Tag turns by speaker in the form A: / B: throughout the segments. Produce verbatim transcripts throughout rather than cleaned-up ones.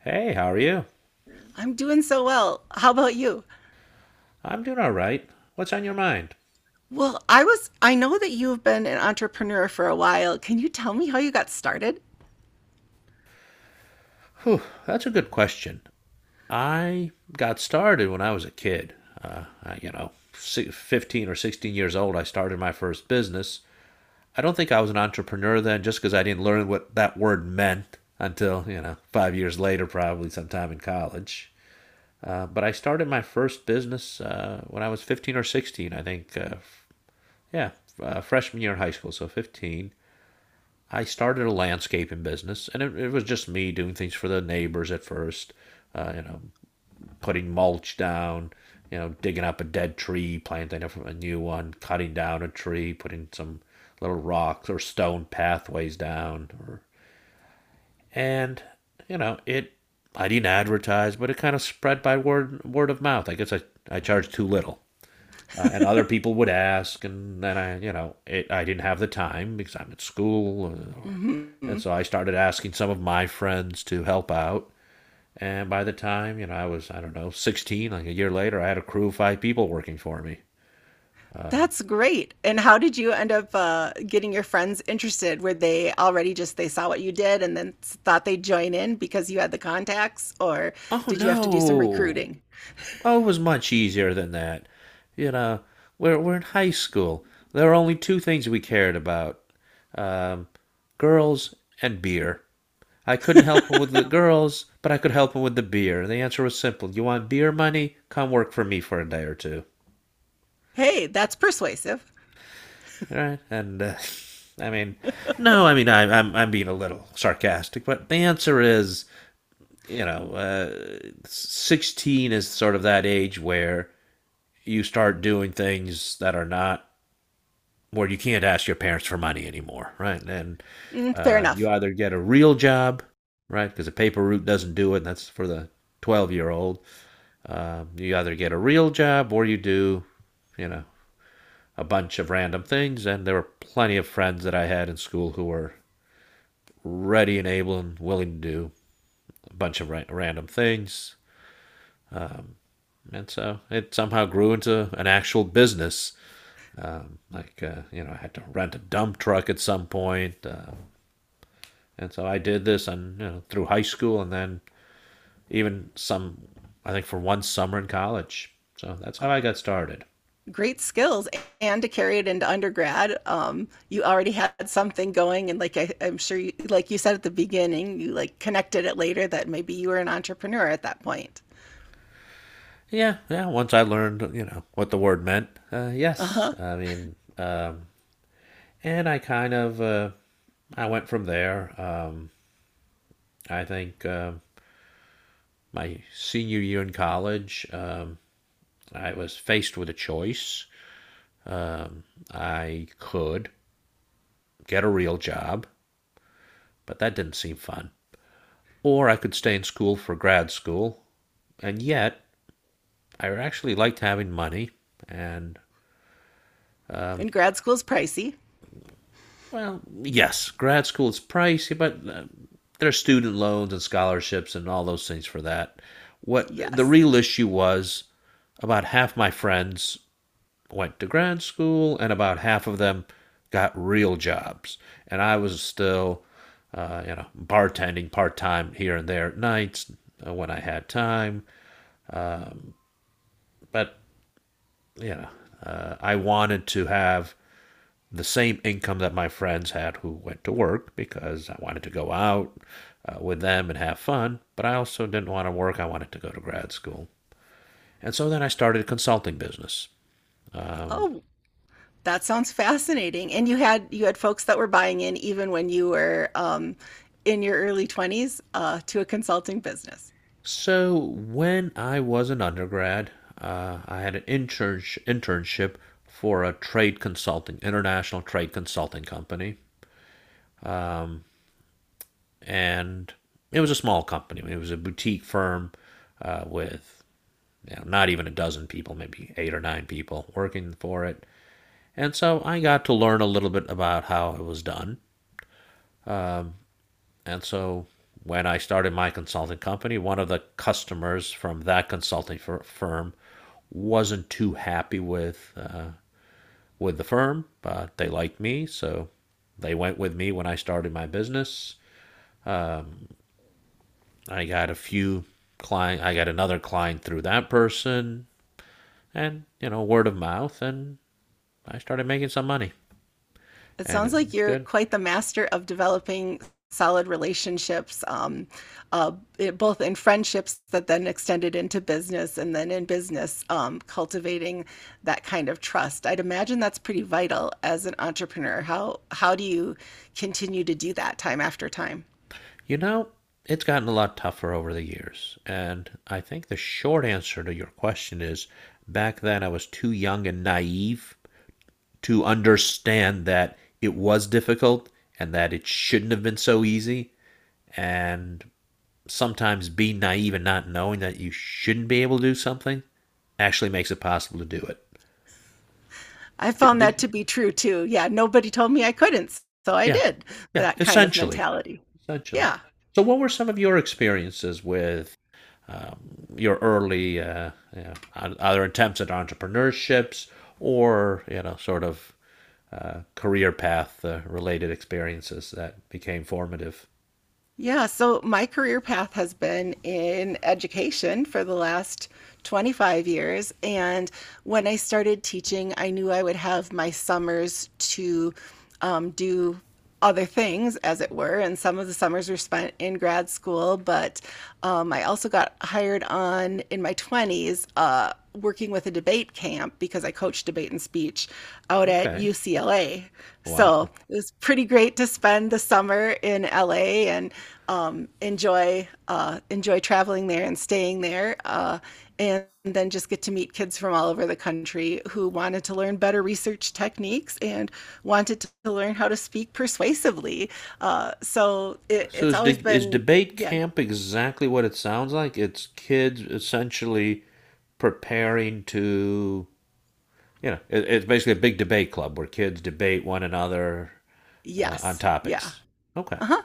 A: Hey, how are you?
B: I'm doing so well. How about you?
A: I'm doing all right. What's on your mind?
B: Well, I was, I know that you've been an entrepreneur for a while. Can you tell me how you got started?
A: Whew, that's a good question. I got started when I was a kid. Uh, I, you know, si- fifteen or sixteen years old, I started my first business. I don't think I was an entrepreneur then just because I didn't learn what that word meant until, you know, five years later, probably sometime in college. Uh, but I started my first business uh, when I was fifteen or sixteen, I think. Uh, yeah, uh, freshman year in high school, so fifteen. I started a landscaping business, and it, it was just me doing things for the neighbors at first. Uh, you know, Putting mulch down, you know, digging up a dead tree, planting a new one, cutting down a tree, putting some little rocks or stone pathways down, or and you know it. I didn't advertise, but it kind of spread by word word of mouth. I guess I I charged too little. Uh, and other people would ask, and then I, you know, it, I didn't have the time because I'm at school, or, or- and
B: Hmm.
A: so I started asking some of my friends to help out. And by the time, you know, I was, I don't know, sixteen, like a year later, I had a crew of five people working for me.
B: That's great. And how did you end up uh, getting your friends interested? Were they already just they saw what you did and then s- thought they'd join in because you had the contacts, or
A: Oh
B: did you have to do some
A: no!
B: recruiting?
A: Oh, it was much easier than that. You know, we're we're in high school. There were only two things we cared about: um, girls and beer. I couldn't help him with the girls, but I could help him with the beer. The answer was simple. You want beer money? Come work for me for a day or two.
B: Hey, that's persuasive.
A: All right? And uh, I mean, no, I mean, I, I'm, I'm being a little sarcastic, but the answer is, you know, uh, sixteen is sort of that age where you start doing things that are not, where you can't ask your parents for money anymore, right? And
B: Mm, fair
A: uh, you
B: enough.
A: either get a real job, right? Because a paper route doesn't do it. and that's for the twelve-year-old. Um, you either get a real job or you do, you know, a bunch of random things. And there were plenty of friends that I had in school who were ready and able and willing to do a bunch of ra- random things. And so it somehow grew into an actual business. Um, like, uh, you know, I had to rent a dump truck at some point. Uh, and so I did this on, you know, through high school and then even some, I think for one summer in college. So that's how I got started.
B: Great skills, and to carry it into undergrad, um, you already had something going, and like I, I'm sure you, like you said at the beginning, you like connected it later that maybe you were an entrepreneur at that point.
A: Yeah, yeah. Once I learned, you know, what the word meant, uh, yes.
B: Uh-huh.
A: I mean, um, and I kind of uh, I went from there. Um, I think uh, my senior year in college, um, I was faced with a choice. Um, I could get a real job, but that didn't seem fun, or I could stay in school for grad school, and yet I actually liked having money, and um,
B: And grad school's pricey.
A: Well, yes, grad school is pricey, but uh, there are student loans and scholarships and all those things for that. What the
B: Yes.
A: real issue was, about half my friends went to grad school and about half of them got real jobs. And I was still, uh, you know, bartending part time here and there at nights uh, when I had time. Um, but, you know, uh, I wanted to have the same income that my friends had who went to work because I wanted to go out uh, with them and have fun, but I also didn't want to work. I wanted to go to grad school. And so then I started a consulting business. Um,
B: Oh, that sounds fascinating, and you had you had folks that were buying in even when you were um, in your early twenties, uh, to a consulting business.
A: so when I was an undergrad, uh, I had an intern- internship for a trade consulting, international trade consulting company. And it was a small company. It was a boutique firm uh, with you know, not even a dozen people, maybe eight or nine people working for it. And so I got to learn a little bit about how it was done. And so when I started my consulting company, one of the customers from that consulting firm wasn't too happy with uh, with the firm, but they liked me, so they went with me when I started my business. Um, I got a few client, I got another client through that person, and you know, word of mouth, and I started making some money.
B: It
A: and
B: sounds
A: it
B: like
A: was
B: you're
A: good.
B: quite the master of developing solid relationships, um, uh, it, both in friendships that then extended into business and then in business, um, cultivating that kind of trust. I'd imagine that's pretty vital as an entrepreneur. How, how do you continue to do that time after time?
A: You know, it's gotten a lot tougher over the years, and I think the short answer to your question is back then I was too young and naive to understand that it was difficult and that it shouldn't have been so easy, and sometimes being naive and not knowing that you shouldn't be able to do something actually makes it possible to do it.
B: I
A: Did,
B: found that
A: did
B: to be true too. Yeah, nobody told me I couldn't, so I
A: Yeah,
B: did.
A: yeah,
B: That kind of
A: essentially.
B: mentality.
A: Essentially.
B: Yeah.
A: So, what were some of your experiences with um, your early uh, you know, o- other attempts at entrepreneurships or you know sort of uh, career path uh, related experiences that became formative?
B: Yeah, so my career path has been in education for the last twenty-five years. And when I started teaching, I knew I would have my summers to um, do other things, as it were. And some of the summers were spent in grad school, but um, I also got hired on in my twenties. Uh, working with a debate camp because I coached debate and speech out at
A: Okay,
B: U C L A. So
A: wow.
B: it was pretty great to spend the summer in L A and um, enjoy uh, enjoy traveling there and staying there, uh, and then just get to meet kids from all over the country who wanted to learn better research techniques and wanted to learn how to speak persuasively. Uh, so it,
A: So
B: it's
A: is
B: always
A: de- is
B: been.
A: debate
B: Yeah.
A: camp exactly what it sounds like? It's kids essentially preparing to, you know it, it's basically a big debate club where kids debate one another uh, on
B: Yes. Yeah.
A: topics. Okay.
B: Uh huh.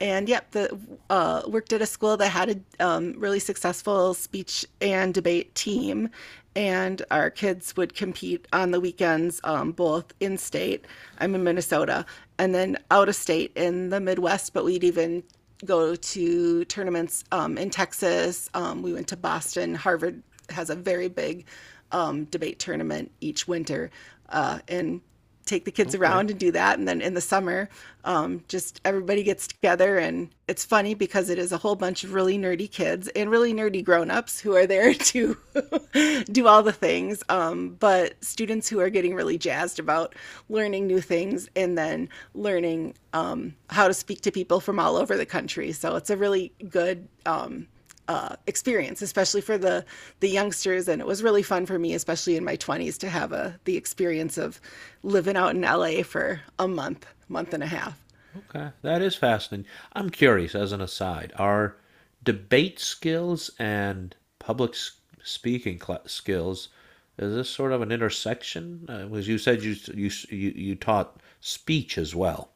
B: And yep, the uh, worked at a school that had a um, really successful speech and debate team, and our kids would compete on the weekends, um, both in state. I'm in Minnesota, and then out of state in the Midwest. But we'd even go to tournaments um, in Texas. Um, we went to Boston. Harvard has a very big um, debate tournament each winter, uh, and take the kids
A: Okay.
B: around and do that. And then in the summer, um, just everybody gets together. And it's funny because it is a whole bunch of really nerdy kids and really nerdy grown-ups who are there to do all the things. Um, but students who are getting really jazzed about learning new things and then learning um, how to speak to people from all over the country. So it's a really good um, uh, experience, especially for the the youngsters. And it was really fun for me, especially in my twenties, to have a the experience of living out in L A for a month, month and a half.
A: Okay. That is fascinating. I'm curious, as an aside, are debate skills and public s- speaking cla skills, is this sort of an intersection? Uh, as you said, you, s- you, s- you, you taught speech as well.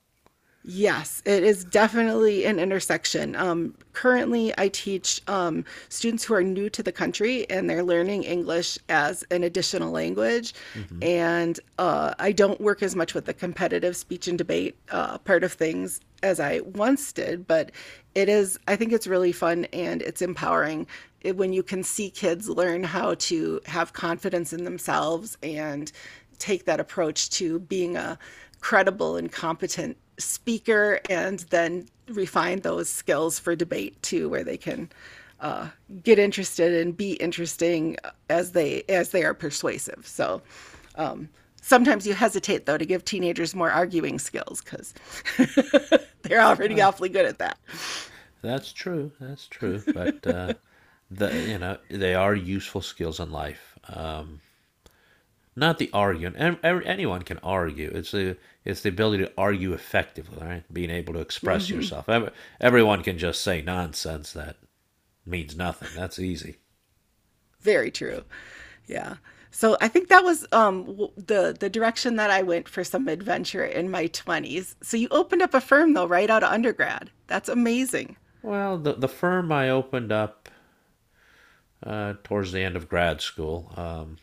B: Yes, it is definitely an intersection. Um, currently, I teach um, students who are new to the country and they're learning English as an additional language.
A: hmm
B: And uh, I don't work as much with the competitive speech and debate uh, part of things as I once did, but it is, I think it's really fun and it's empowering it- when you can see kids learn how to have confidence in themselves and take that approach to being a credible and competent speaker and then refine those skills for debate too, where they can uh, get interested and be interesting as they as they are persuasive. So sometimes you hesitate though to give teenagers more arguing skills because they're already
A: Well,
B: awfully good at that.
A: that's true. That's true. But uh, the you know they are useful skills in life. Um, Not the arguing. Anyone can argue. It's the it's the ability to argue effectively, right? Being able to express
B: Hmm.
A: yourself. Everyone can just say nonsense that means nothing. That's easy.
B: Very true. Yeah. So I think that was um, w- the the direction that I went for some adventure in my twenties. So you opened up a firm though, right out of undergrad. That's amazing.
A: Well, the the firm I opened up uh, towards the end of grad school. Um,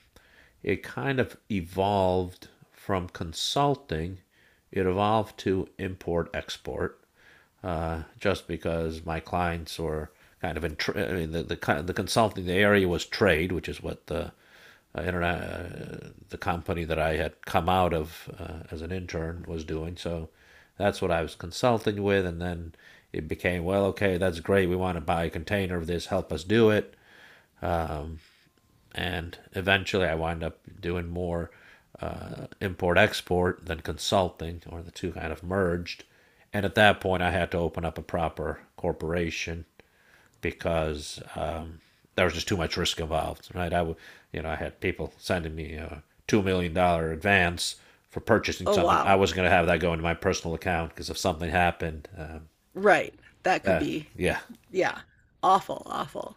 A: It kind of evolved from consulting, it evolved to import export, uh, just because my clients were kind of in tra- I mean, the, the the consulting the area was trade, which is what the uh, internet, uh, the company that I had come out of uh, as an intern was doing. So that's what I was consulting with, and then it became, well, okay, that's great. We want to buy a container of this. Help us do it, and eventually I wind up doing more uh, import export than consulting, or the two kind of merged. And at that point, I had to open up a proper corporation because um, there was just too much risk involved, right? I would, you know, I had people sending me a two million dollar advance for purchasing
B: Oh
A: something. I
B: wow.
A: wasn't going to have that go into my personal account because if something happened, um,
B: Right. That could
A: uh,
B: be.
A: yeah.
B: Yeah. Awful, awful.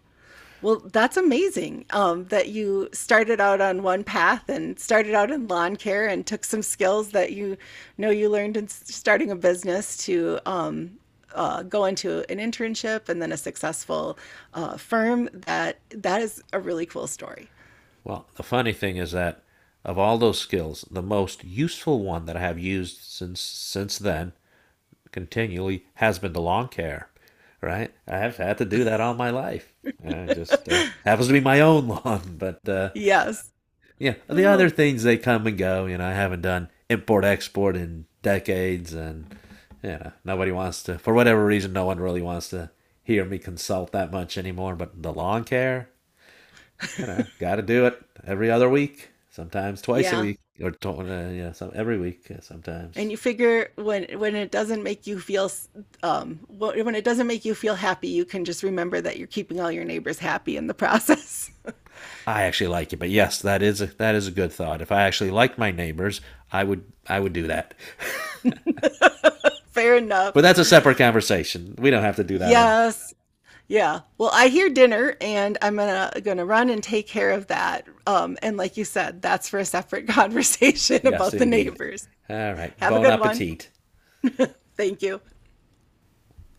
B: Well, that's amazing um, that you started out on one path and started out in lawn care and took some skills that you know you learned in s- starting a business to um, uh, go into an internship and then a successful uh, firm. That that is a really cool story.
A: Well, the funny thing is that of all those skills, the most useful one that I have used since since then continually has been the lawn care. Right? I have had to do that all my life. And I just uh, happens to be my own lawn, but uh,
B: Yes.
A: yeah, the other
B: Oh,
A: things they come and go. You know, I haven't done import export in decades, and you know, nobody wants to for whatever reason. No one really wants to hear me consult that much anymore. But the lawn care, you know, got to do it every other week, sometimes twice a
B: yeah.
A: week, or uh, yeah, some every week uh,
B: And
A: sometimes.
B: you figure when when it doesn't make you feel um when it doesn't make you feel happy, you can just remember that you're keeping all your neighbors happy in the process.
A: I actually like it, but yes, that is a, that is a good thought. If I actually liked my neighbors, I would I would do that.
B: Fair
A: but
B: enough.
A: that's a separate conversation. We don't have to do that one.
B: Yes. Yeah. Well, I hear dinner and I'm gonna gonna run and take care of that. Um, and like you said, that's for a separate conversation
A: Yes,
B: about the
A: indeed.
B: neighbors.
A: All right.
B: Have a
A: Bon
B: good one.
A: appetit.
B: Thank you.